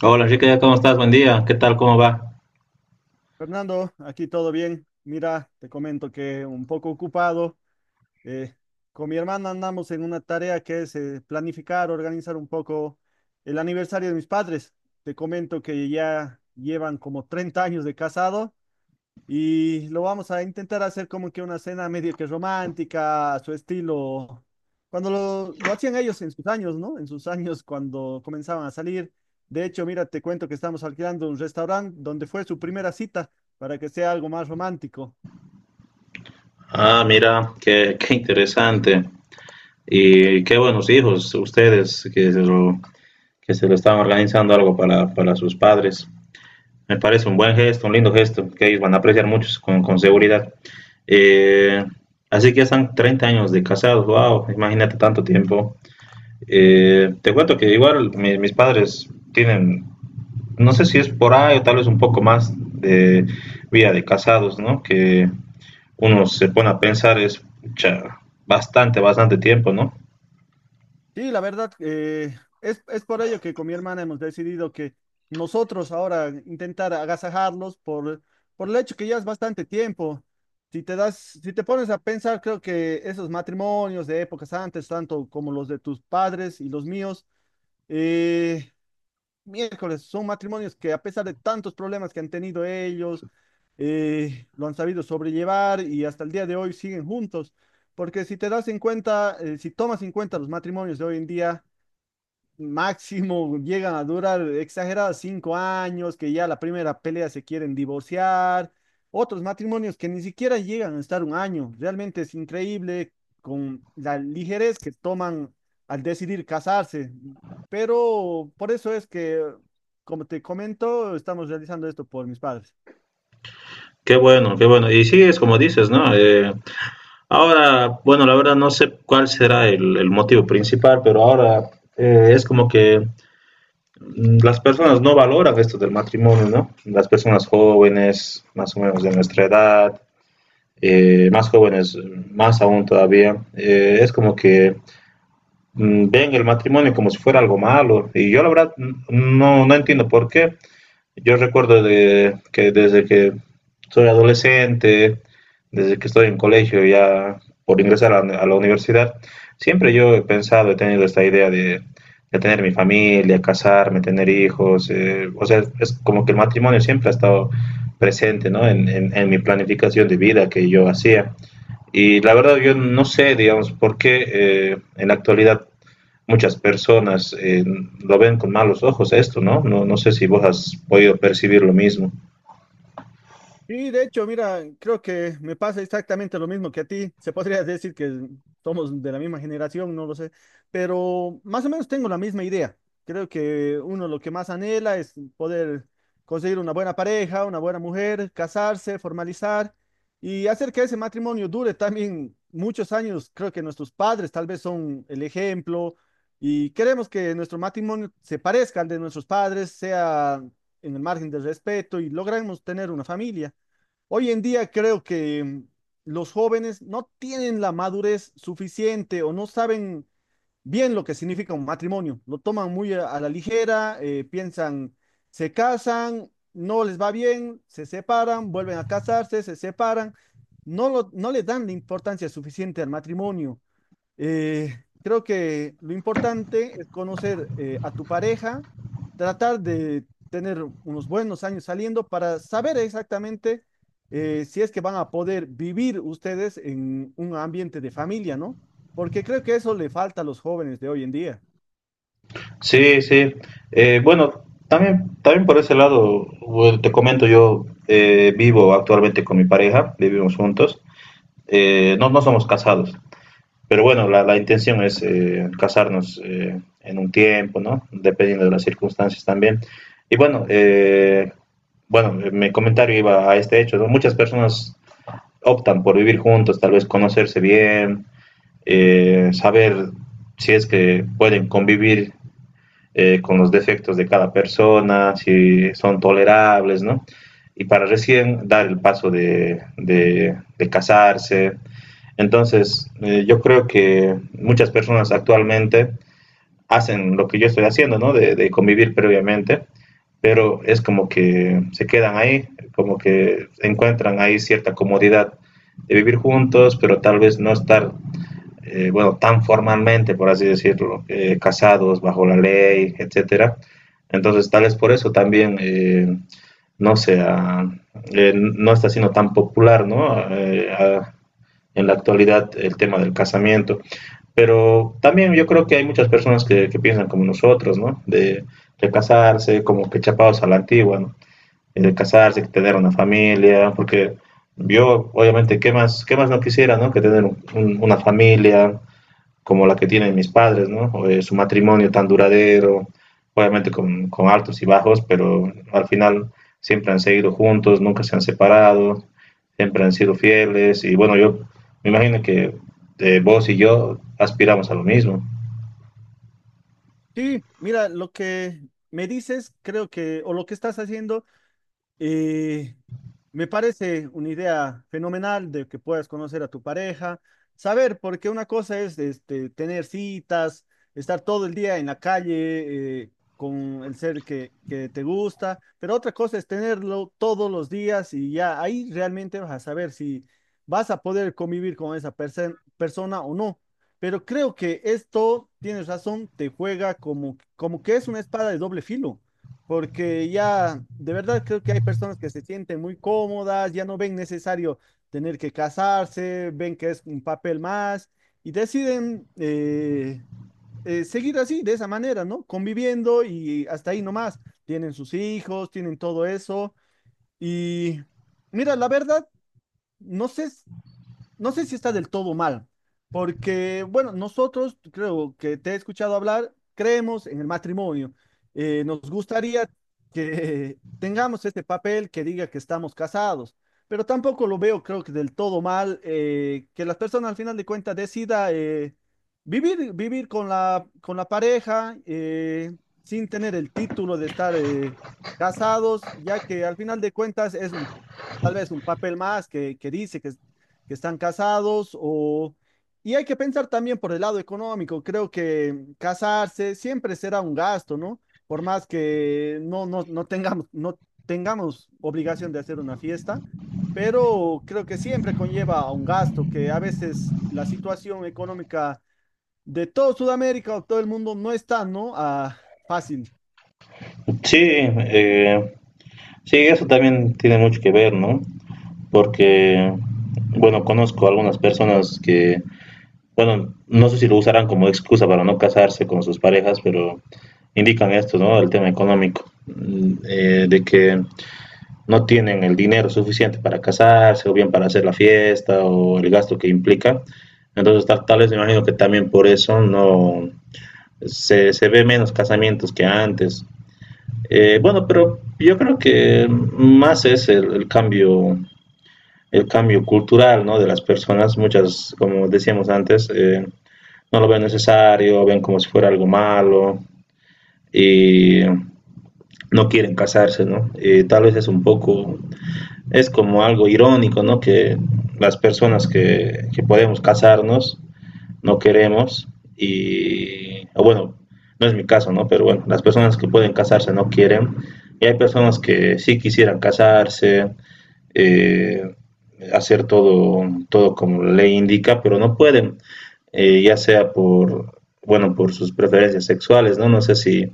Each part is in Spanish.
Hola Enrique, ¿cómo estás? Buen día. ¿Qué tal? ¿Cómo va? Fernando, aquí todo bien. Mira, te comento que un poco ocupado. eh, con mi hermana andamos en una tarea que es planificar, organizar un poco el aniversario de mis padres. Te comento que ya llevan como 30 años de casado y lo vamos a intentar hacer como que una cena medio que romántica, a su estilo, cuando lo hacían ellos en sus años, ¿no? En sus años cuando comenzaban a salir. De hecho, mira, te cuento que estamos alquilando un restaurante donde fue su primera cita para que sea algo más romántico. Ah, mira, qué interesante. Y qué buenos hijos ustedes que que se lo están organizando algo para sus padres. Me parece un buen gesto, un lindo gesto, que ellos van a apreciar mucho con seguridad. Eh, Así que ya están 30 años de casados, wow, imagínate tanto tiempo. Te cuento que igual mis padres tienen, no sé si es por ahí o tal vez un poco más de vida de casados, ¿no? Que uno se pone a pensar es ya bastante tiempo, ¿no? Sí, la verdad, es por ello que con mi hermana hemos decidido que nosotros ahora intentar agasajarlos por el hecho que ya es bastante tiempo. Si te das, si te pones a pensar, creo que esos matrimonios de épocas antes, tanto como los de tus padres y los míos, eh, miércoles, son matrimonios que a pesar de tantos problemas que han tenido ellos, lo han sabido sobrellevar y hasta el día de hoy siguen juntos. Porque si te das en cuenta, si tomas en cuenta los matrimonios de hoy en día, máximo llegan a durar exagerados 5 años, que ya la primera pelea se quieren divorciar, otros matrimonios que ni siquiera llegan a estar un año. Realmente es increíble con la ligerez que toman al decidir casarse. Pero por eso es que, como te comento, estamos realizando esto por mis padres. Qué bueno, qué bueno. Y sí, es como dices, ¿no? Ahora, bueno, la verdad no sé cuál será el motivo principal, pero ahora es como que las personas no valoran esto del matrimonio, ¿no? Las personas jóvenes, más o menos de nuestra edad, más jóvenes, más aún todavía, es como que ven el matrimonio como si fuera algo malo. Y yo la verdad no entiendo por qué. Yo recuerdo de, que desde que soy adolescente, desde que estoy en colegio ya por ingresar a la universidad, siempre yo he pensado, he tenido esta idea de tener mi familia, casarme, tener hijos. O sea, es como que el matrimonio siempre ha estado presente, ¿no? En mi planificación de vida que yo hacía. Y la verdad yo no sé, digamos, por qué en la actualidad muchas personas lo ven con malos ojos esto, ¿no? No sé si vos has podido percibir lo mismo. Y de hecho, mira, creo que me pasa exactamente lo mismo que a ti. Se podría decir que somos de la misma generación, no lo sé, pero más o menos tengo la misma idea. Creo que uno lo que más anhela es poder conseguir una buena pareja, una buena mujer, casarse, formalizar y hacer que ese matrimonio dure también muchos años. Creo que nuestros padres tal vez son el ejemplo y queremos que nuestro matrimonio se parezca al de nuestros padres, sea en el margen del respeto y logremos tener una familia. Hoy en día creo que mm, los jóvenes no tienen la madurez suficiente o no saben bien lo que significa un matrimonio. Lo toman muy a la ligera, piensan, se casan, no les va bien, se separan, vuelven a casarse, se separan. No, no le dan la importancia suficiente al matrimonio. Creo que lo importante es conocer a tu pareja, tratar de tener unos buenos años saliendo para saber exactamente si es que van a poder vivir ustedes en un ambiente de familia, ¿no? Porque creo que eso le falta a los jóvenes de hoy en día. Sí, sí. Bueno, también, también por ese lado, bueno, te comento, yo vivo actualmente con mi pareja, vivimos juntos. No, no somos casados, pero bueno, la intención es casarnos en un tiempo, ¿no? Dependiendo de las circunstancias también. Y bueno, bueno, mi comentario iba a este hecho, ¿no? Muchas personas optan por vivir juntos, tal vez conocerse bien, saber si es que pueden convivir con los defectos de cada persona, si son tolerables, ¿no? Y para recién dar el paso de casarse. Entonces, yo creo que muchas personas actualmente hacen lo que yo estoy haciendo, ¿no? De convivir previamente, pero es como que se quedan ahí, como que encuentran ahí cierta comodidad de vivir juntos, pero tal vez no estar, bueno, tan formalmente, por así decirlo, casados bajo la ley, etcétera. Entonces, tal vez por eso también no sea, no está siendo tan popular, ¿no? A, en la actualidad el tema del casamiento. Pero también yo creo que hay muchas personas que piensan como nosotros, ¿no? De, casarse, como que chapados a la antigua, ¿no? De casarse, que tener una familia, porque yo, obviamente, qué más no quisiera, ¿no? Que tener una familia, como la que tienen mis padres, ¿no? O, su matrimonio tan duradero, obviamente con, altos y bajos, pero al final siempre han seguido juntos, nunca se han separado, siempre han sido fieles y bueno, yo me imagino que vos y yo aspiramos a lo mismo. Sí, mira, lo que me dices, creo que, o lo que estás haciendo. Y me parece una idea fenomenal de que puedas conocer a tu pareja, saber, porque una cosa es este, tener citas, estar todo el día en la calle con el ser que te gusta, pero otra cosa es tenerlo todos los días y ya ahí realmente vas a saber si vas a poder convivir con esa persona o no. Pero creo que esto, tienes razón, te juega como, como que es una espada de doble filo porque ya de verdad creo que hay personas que se sienten muy cómodas, ya no ven necesario tener que casarse, ven que es un papel más y deciden seguir así, de esa manera, ¿no? Conviviendo y hasta ahí nomás. Tienen sus hijos, tienen todo eso y mira, la verdad, no sé no sé si está del todo mal, porque, bueno, nosotros, creo que te he escuchado hablar, creemos en el matrimonio. Nos gustaría que tengamos este papel que diga que estamos casados, pero tampoco lo veo, creo que del todo mal, que las personas al final de cuentas decida vivir con con la pareja sin tener el título de estar casados, ya que al final de cuentas es un, tal vez un papel más que dice que están casados o... Y hay que pensar también por el lado económico. Creo que casarse siempre será un gasto, ¿no? Por más que no tengamos, no tengamos obligación de hacer una fiesta, pero creo que siempre conlleva a un gasto, que a veces la situación económica de todo Sudamérica o todo el mundo no está, ¿no? Ah, fácil. Sí, sí, eso también tiene mucho que ver, ¿no? Porque, bueno, conozco algunas personas que bueno, no sé si lo usarán como excusa para no casarse con sus parejas, pero indican esto, ¿no? El tema económico, mm, de que no tienen el dinero suficiente para casarse o bien para hacer la fiesta o el gasto que implica. Entonces, tal vez me imagino que también por eso no se, se ve menos casamientos que antes. Bueno, pero yo creo que más es el cambio cultural, ¿no? De las personas. Muchas, como decíamos antes, no lo ven necesario, ven como si fuera algo malo y no quieren casarse, ¿no? Y tal vez es un poco, es como algo irónico, ¿no? Que las personas que podemos casarnos no queremos y, o bueno, no es mi caso, ¿no? Pero bueno, las personas que pueden casarse no quieren y hay personas que sí quisieran casarse, eh, hacer todo como la ley indica, pero no pueden, ya sea por, bueno, por sus preferencias sexuales, ¿no? No sé si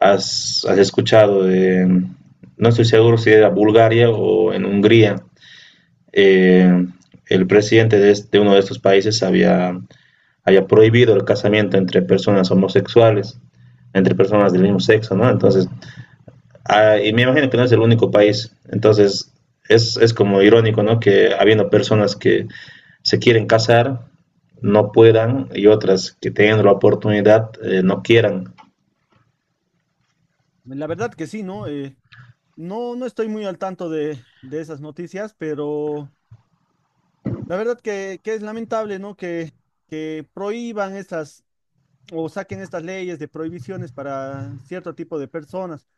has escuchado de, no estoy seguro si era Bulgaria o en Hungría, eh, el presidente de, este, de, uno de estos países había, había prohibido el casamiento entre personas homosexuales, entre personas del mismo sexo, ¿no? Entonces, ah, y me imagino que no es el único país. Entonces, es como irónico, ¿no? Que habiendo personas que se quieren casar, no puedan, y otras que tengan la oportunidad, no quieran. La verdad que sí, ¿no? No, no estoy muy al tanto de esas noticias, pero... La verdad que es lamentable, ¿no? Que prohíban estas o saquen estas leyes de prohibiciones para cierto tipo de personas.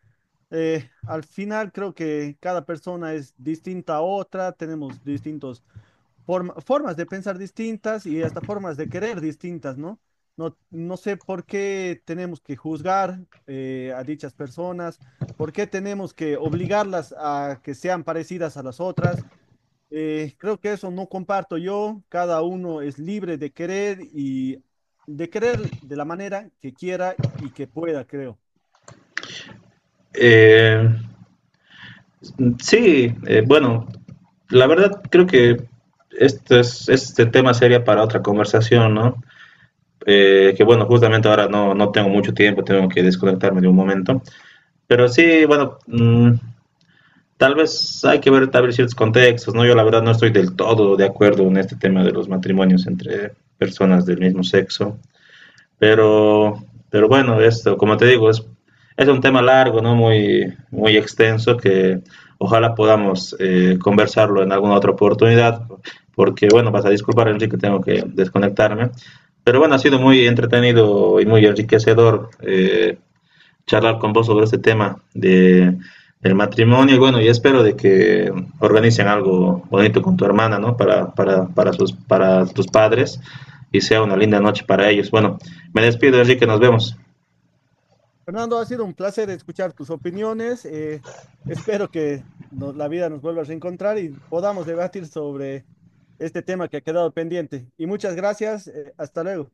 Al final creo que cada persona es distinta a otra, tenemos distintos formas de pensar distintas y hasta formas de querer distintas, ¿no? No, no sé por qué tenemos que juzgar a dichas personas, por qué tenemos que obligarlas a que sean parecidas a las otras. Creo que eso no comparto yo. Cada uno es libre de querer y de querer de la manera que quiera y que pueda, creo. Eh, sí, bueno, la verdad creo que este, este tema sería para otra conversación, ¿no? Que bueno, justamente ahora no tengo mucho tiempo, tengo que desconectarme de un momento. Pero sí, bueno, mm, tal vez hay que ver tal vez ciertos contextos, ¿no? Yo la verdad no estoy del todo de acuerdo en este tema de los matrimonios entre personas del mismo sexo, pero, pero bueno, esto, como te digo, es un tema largo, ¿no? Muy, muy extenso que ojalá podamos conversarlo en alguna otra oportunidad, porque bueno, vas a disculpar, Enrique, tengo que desconectarme. Pero bueno, ha sido muy entretenido y muy enriquecedor charlar con vos sobre este tema de, del matrimonio. Y bueno, y espero de que organicen algo bonito con tu hermana, ¿no? Para, sus, para tus padres y sea una linda noche para ellos. Bueno, me despido, Enrique, nos vemos. Fernando, ha sido un placer escuchar tus opiniones. Espero que la vida nos vuelva a reencontrar y podamos debatir sobre este tema que ha quedado pendiente. Y muchas gracias. Hasta luego.